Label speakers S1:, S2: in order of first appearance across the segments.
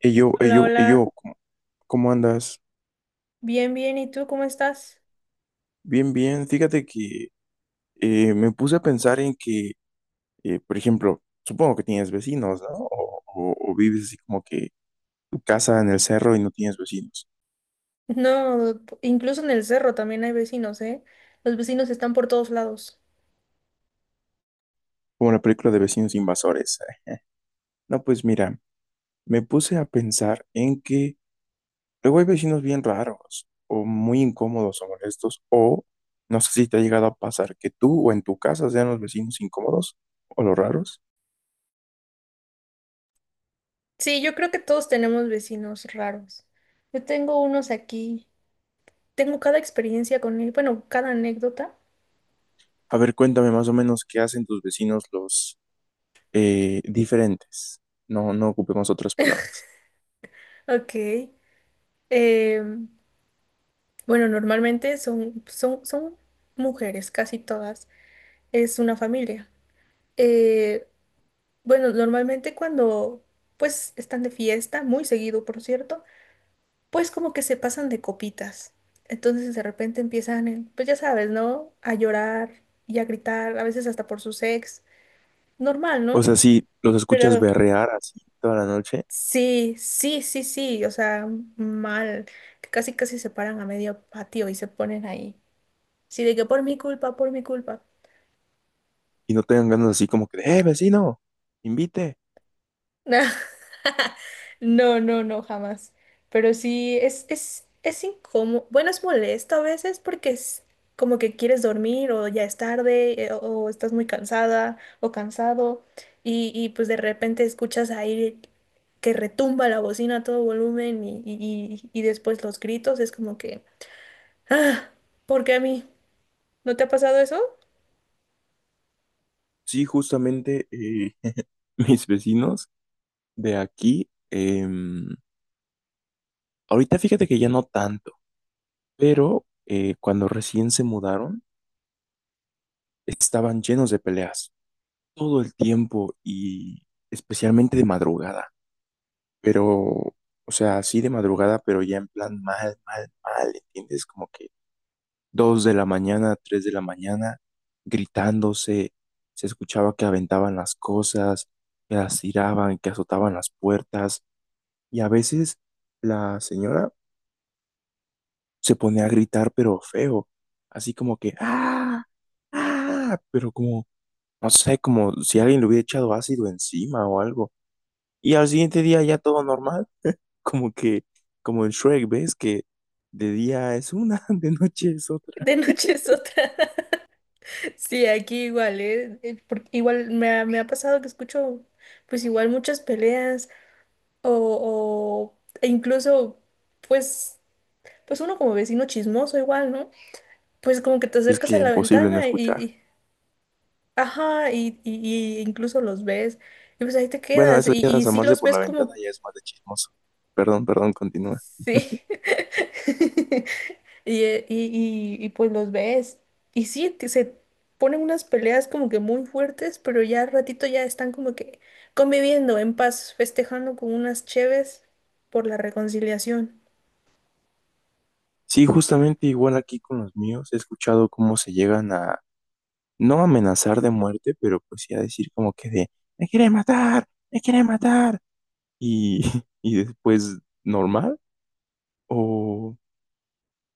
S1: Y yo, y
S2: Hola,
S1: yo, y
S2: hola.
S1: yo, ¿cómo cómo andas?
S2: Bien, bien. ¿Y tú cómo estás?
S1: Bien, bien. Fíjate que me puse a pensar en que, por ejemplo, supongo que tienes vecinos, ¿no? O, o vives así como que tu casa en el cerro y no tienes vecinos,
S2: No, incluso en el cerro también hay vecinos, ¿eh? Los vecinos están por todos lados.
S1: como la película de Vecinos Invasores. No, pues mira, me puse a pensar en que luego hay vecinos bien raros, o muy incómodos o molestos, o no sé si te ha llegado a pasar que tú o en tu casa sean los vecinos incómodos o los raros.
S2: Sí, yo creo que todos tenemos vecinos raros. Yo tengo unos aquí. Tengo cada experiencia con él, bueno, cada anécdota.
S1: A ver, cuéntame más o menos qué hacen tus vecinos los diferentes. No ocupemos otras palabras.
S2: Ok. Em, bueno, normalmente son mujeres, casi todas. Es una familia. Eh, bueno, normalmente cuando pues están de fiesta, muy seguido, por cierto. Pues como que se pasan de copitas. Entonces de repente empiezan, pues ya sabes, ¿no? A llorar y a gritar, a veces hasta por sus ex. Normal,
S1: O
S2: ¿no?
S1: sea, si los escuchas
S2: Pero
S1: berrear así toda la noche
S2: sí, sí, sí, sí, o sea, mal, que casi casi se paran a medio patio y se ponen ahí. Sí, de que por mi culpa, por mi culpa.
S1: y no tengan ganas así como que, ¡eh, vecino! ¡Invite!
S2: No, no, no, no, jamás. Pero sí, es incómodo. Bueno, es molesto a veces porque es como que quieres dormir o ya es tarde o estás muy cansada o cansado y pues de repente escuchas ahí que retumba la bocina a todo volumen y después los gritos. Es como que, ah, ¿por qué a mí? ¿No te ha pasado eso?
S1: Sí, justamente mis vecinos de aquí, ahorita fíjate que ya no tanto, pero cuando recién se mudaron, estaban llenos de peleas todo el tiempo y especialmente de madrugada. Pero, o sea, así de madrugada, pero ya en plan mal, mal, mal, ¿entiendes? Como que dos de la mañana, tres de la mañana, gritándose, se escuchaba que aventaban las cosas, que las tiraban, que azotaban las puertas, y a veces la señora se ponía a gritar, pero feo, así como que, ¡ah! ¡Ah! Pero como, no sé, como si alguien le hubiera echado ácido encima o algo. Y al siguiente día ya todo normal. Como que, como en Shrek, ¿ves? Que de día es una, de noche es otra.
S2: De noche es otra. Sí, aquí igual, ¿eh? Igual me ha pasado que escucho pues igual muchas peleas e incluso pues pues uno como vecino chismoso igual, ¿no? Pues como que te
S1: Es
S2: acercas a
S1: que
S2: la
S1: imposible no
S2: ventana
S1: escuchar.
S2: ajá, y incluso los ves y pues ahí te
S1: Bueno,
S2: quedas
S1: eso
S2: y,
S1: ya de
S2: y sí
S1: asomarse
S2: los
S1: por
S2: ves
S1: la ventana
S2: como
S1: ya es más de chismoso. Perdón, continúa.
S2: Sí. Y pues los ves. Y sí, que se ponen unas peleas como que muy fuertes, pero ya al ratito ya están como que conviviendo en paz, festejando con unas cheves por la reconciliación.
S1: Sí, justamente igual aquí con los míos he escuchado cómo se llegan a, no amenazar de muerte, pero pues sí a decir como que de, me quiere matar. Y, y después, normal. O,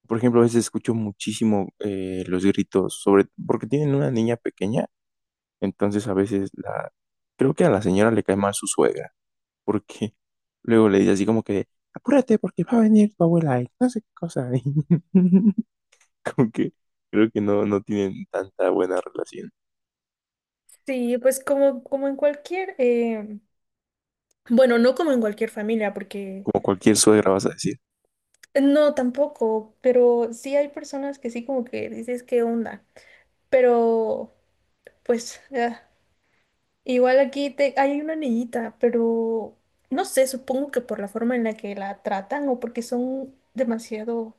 S1: por ejemplo, a veces escucho muchísimo los gritos sobre, porque tienen una niña pequeña. Entonces a veces la, creo que a la señora le cae mal su suegra, porque luego le dice así como que, apúrate porque va a venir tu abuela y no sé qué cosa. Y como que creo que no tienen tanta buena relación,
S2: Sí, pues como, como en cualquier, bueno, no como en cualquier familia, porque
S1: como cualquier suegra vas a decir.
S2: no tampoco, pero sí hay personas que sí como que dices, ¿qué onda? Pero pues... ah, igual aquí te, hay una niñita, pero no sé, supongo que por la forma en la que la tratan o porque son demasiado,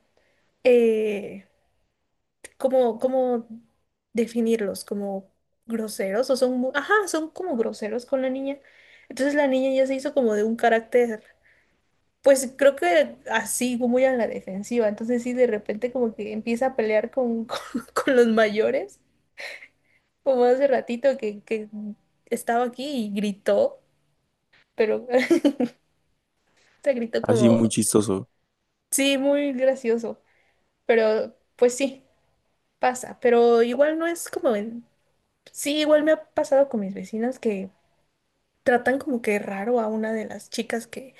S2: eh, como, cómo definirlos, como groseros o son, ajá, son como groseros con la niña. Entonces la niña ya se hizo como de un carácter, pues creo que así, como muy a la defensiva. Entonces sí, de repente como que empieza a pelear con, con los mayores, como hace ratito que estaba aquí y gritó, pero... Se gritó
S1: Así
S2: como,
S1: muy chistoso.
S2: sí, muy gracioso, pero pues sí, pasa, pero igual no es como en... Sí, igual me ha pasado con mis vecinas que tratan como que raro a una de las chicas que,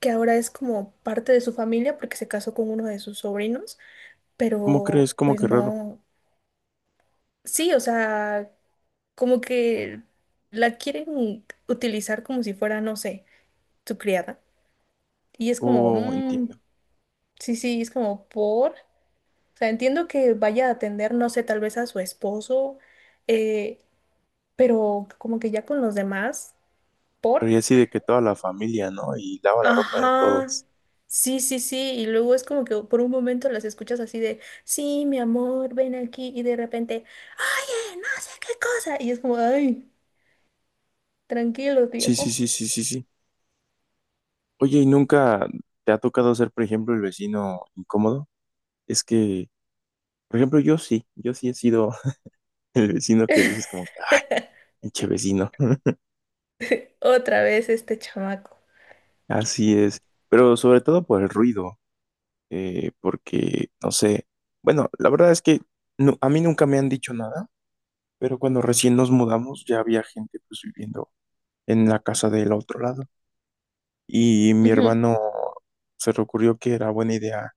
S2: que ahora es como parte de su familia porque se casó con uno de sus sobrinos,
S1: ¿Cómo
S2: pero
S1: crees? ¿Cómo
S2: pues
S1: que raro?
S2: no, sí, o sea, como que la quieren utilizar como si fuera, no sé, su criada. Y es como,
S1: Oh, entiendo.
S2: sí, sí, es como por... O sea, entiendo que vaya a atender, no sé, tal vez a su esposo, eh, pero como que ya con los demás,
S1: Pero
S2: ¿por?
S1: ya así de que toda la familia, ¿no? Y lava la ropa de
S2: Ajá.
S1: todos.
S2: Sí, sí, sí. Y luego es como que por un momento las escuchas así de, sí, mi amor, ven aquí. Y de repente, oye, no sé qué cosa. Y es como, ay, tranquilo,
S1: Sí, sí,
S2: viejo.
S1: sí, sí, sí, sí. Oye, ¿y nunca te ha tocado ser, por ejemplo, el vecino incómodo? Es que por ejemplo, yo sí he sido el vecino que dices como que, ay, pinche vecino.
S2: Otra vez este chamaco.
S1: Así es, pero sobre todo por el ruido, porque, no sé, bueno, la verdad es que a mí nunca me han dicho nada, pero cuando recién nos mudamos ya había gente pues viviendo en la casa del otro lado y mi
S2: Ujú.
S1: hermano se le ocurrió que era buena idea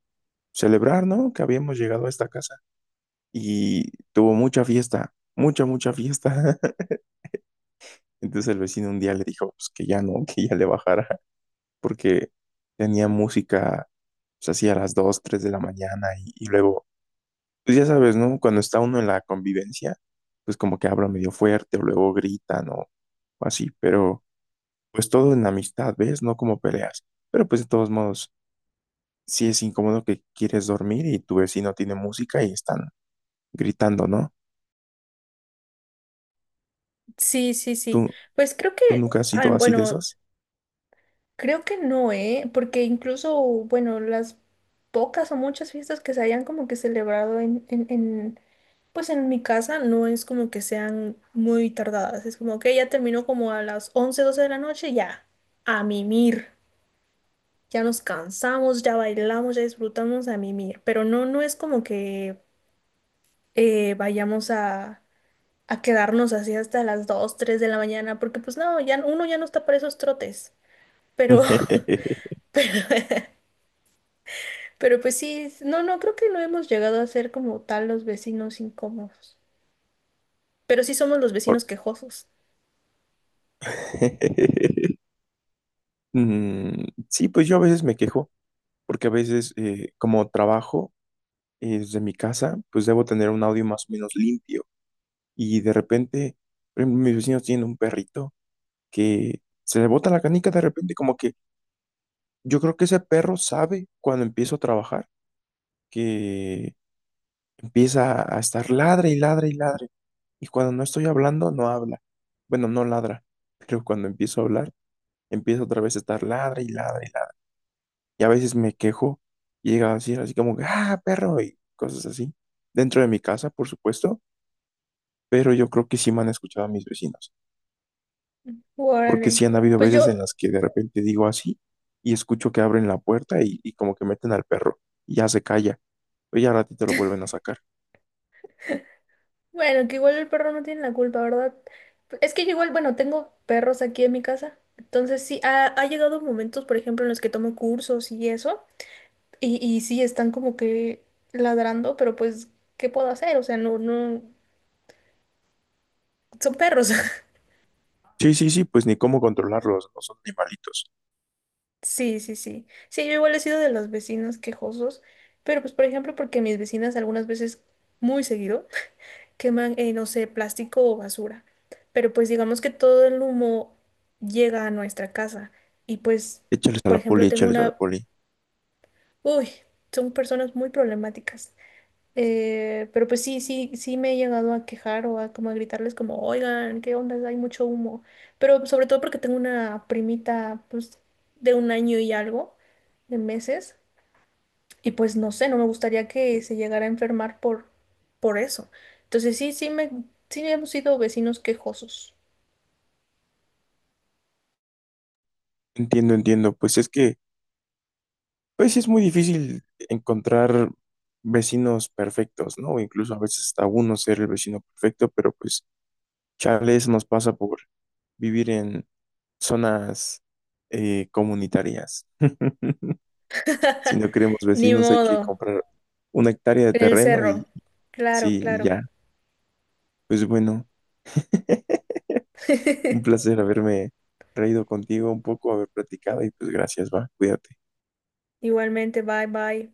S1: celebrar, ¿no? Que habíamos llegado a esta casa y tuvo mucha fiesta, mucha fiesta. Entonces el vecino un día le dijo pues, que ya no, que ya le bajara, porque tenía música pues, así a las 2 3 de la mañana y luego, pues ya sabes, ¿no? Cuando está uno en la convivencia, pues como que habla medio fuerte o luego gritan o así, pero pues todo en amistad, ¿ves? No como peleas. Pero pues de todos modos, sí es incómodo que quieres dormir y tu vecino tiene música y están gritando, ¿no?
S2: Sí, sí, sí.
S1: ¿Tú,
S2: Pues creo
S1: tú
S2: que,
S1: nunca has
S2: ah,
S1: sido así de
S2: bueno,
S1: esos?
S2: creo que no, ¿eh? Porque incluso, bueno, las pocas o muchas fiestas que se hayan como que celebrado pues en mi casa no es como que sean muy tardadas. Es como que ya terminó como a las 11 12 de la noche, ya, a mimir. Ya nos cansamos, ya bailamos, ya disfrutamos a mimir. Pero no, no es como que vayamos a quedarnos así hasta las 2 3 de la mañana, porque pues no, ya uno ya no está para esos trotes. Pero... Pero pues sí, no, no, creo que no hemos llegado a ser como tal los vecinos incómodos. Pero sí somos los
S1: Por-
S2: vecinos quejosos.
S1: Mm, sí, pues yo a veces me quejo, porque a veces como trabajo desde mi casa, pues debo tener un audio más o menos limpio. Y de repente, por ejemplo, mis vecinos tienen un perrito que se le bota la canica de repente, como que yo creo que ese perro sabe cuando empiezo a trabajar, que empieza a estar ladre y ladre y ladre. Y cuando no estoy hablando, no habla. Bueno, no ladra, pero cuando empiezo a hablar, empieza otra vez a estar ladre y ladre y ladre. Y a veces me quejo y llega a decir así como, que, ah, perro, y cosas así, dentro de mi casa, por supuesto, pero yo creo que sí me han escuchado a mis vecinos, porque
S2: Órale.
S1: sí han habido
S2: Pues yo,
S1: veces en las que de repente digo así y escucho que abren la puerta y como que meten al perro y ya se calla, pero ya al ratito lo vuelven a sacar.
S2: bueno, que igual el perro no tiene la culpa, ¿verdad? Es que yo igual, bueno, tengo perros aquí en mi casa. Entonces sí, ha llegado momentos, por ejemplo, en los que tomo cursos y eso. Y sí, están como que ladrando, pero pues, ¿qué puedo hacer? O sea, no, no, son perros.
S1: Sí, sí, sí, pues ni cómo controlarlos, no son animalitos.
S2: Sí, sí, sí. Sí, yo igual he sido de los vecinos quejosos, pero pues por ejemplo porque mis vecinas algunas veces, muy seguido, queman, no sé, plástico o basura. Pero pues digamos que todo el humo llega a nuestra casa y pues,
S1: Échales a
S2: por
S1: la poli,
S2: ejemplo, tengo
S1: échales a la
S2: una...
S1: poli.
S2: Uy, son personas muy problemáticas. Pero pues sí, sí, sí me he llegado a quejar o a como a gritarles como, oigan, ¿qué onda? Hay mucho humo. Pero sobre todo porque tengo una primita pues de un año y algo de meses y pues no sé, no me gustaría que se llegara a enfermar por eso. Entonces sí, sí me, sí hemos sido vecinos quejosos.
S1: Entiendo, entiendo, pues es que... Pues sí es muy difícil encontrar vecinos perfectos, ¿no? Incluso a veces hasta uno ser el vecino perfecto, pero pues chale, eso nos pasa por vivir en zonas comunitarias. Si no queremos
S2: Ni
S1: vecinos, hay que
S2: modo,
S1: comprar una hectárea de
S2: en el
S1: terreno
S2: cerro.
S1: y
S2: Claro,
S1: sí, y
S2: claro.
S1: ya. Pues bueno, un placer haberme reído contigo un poco, haber platicado y pues gracias, va, cuídate.
S2: Igualmente, bye, bye.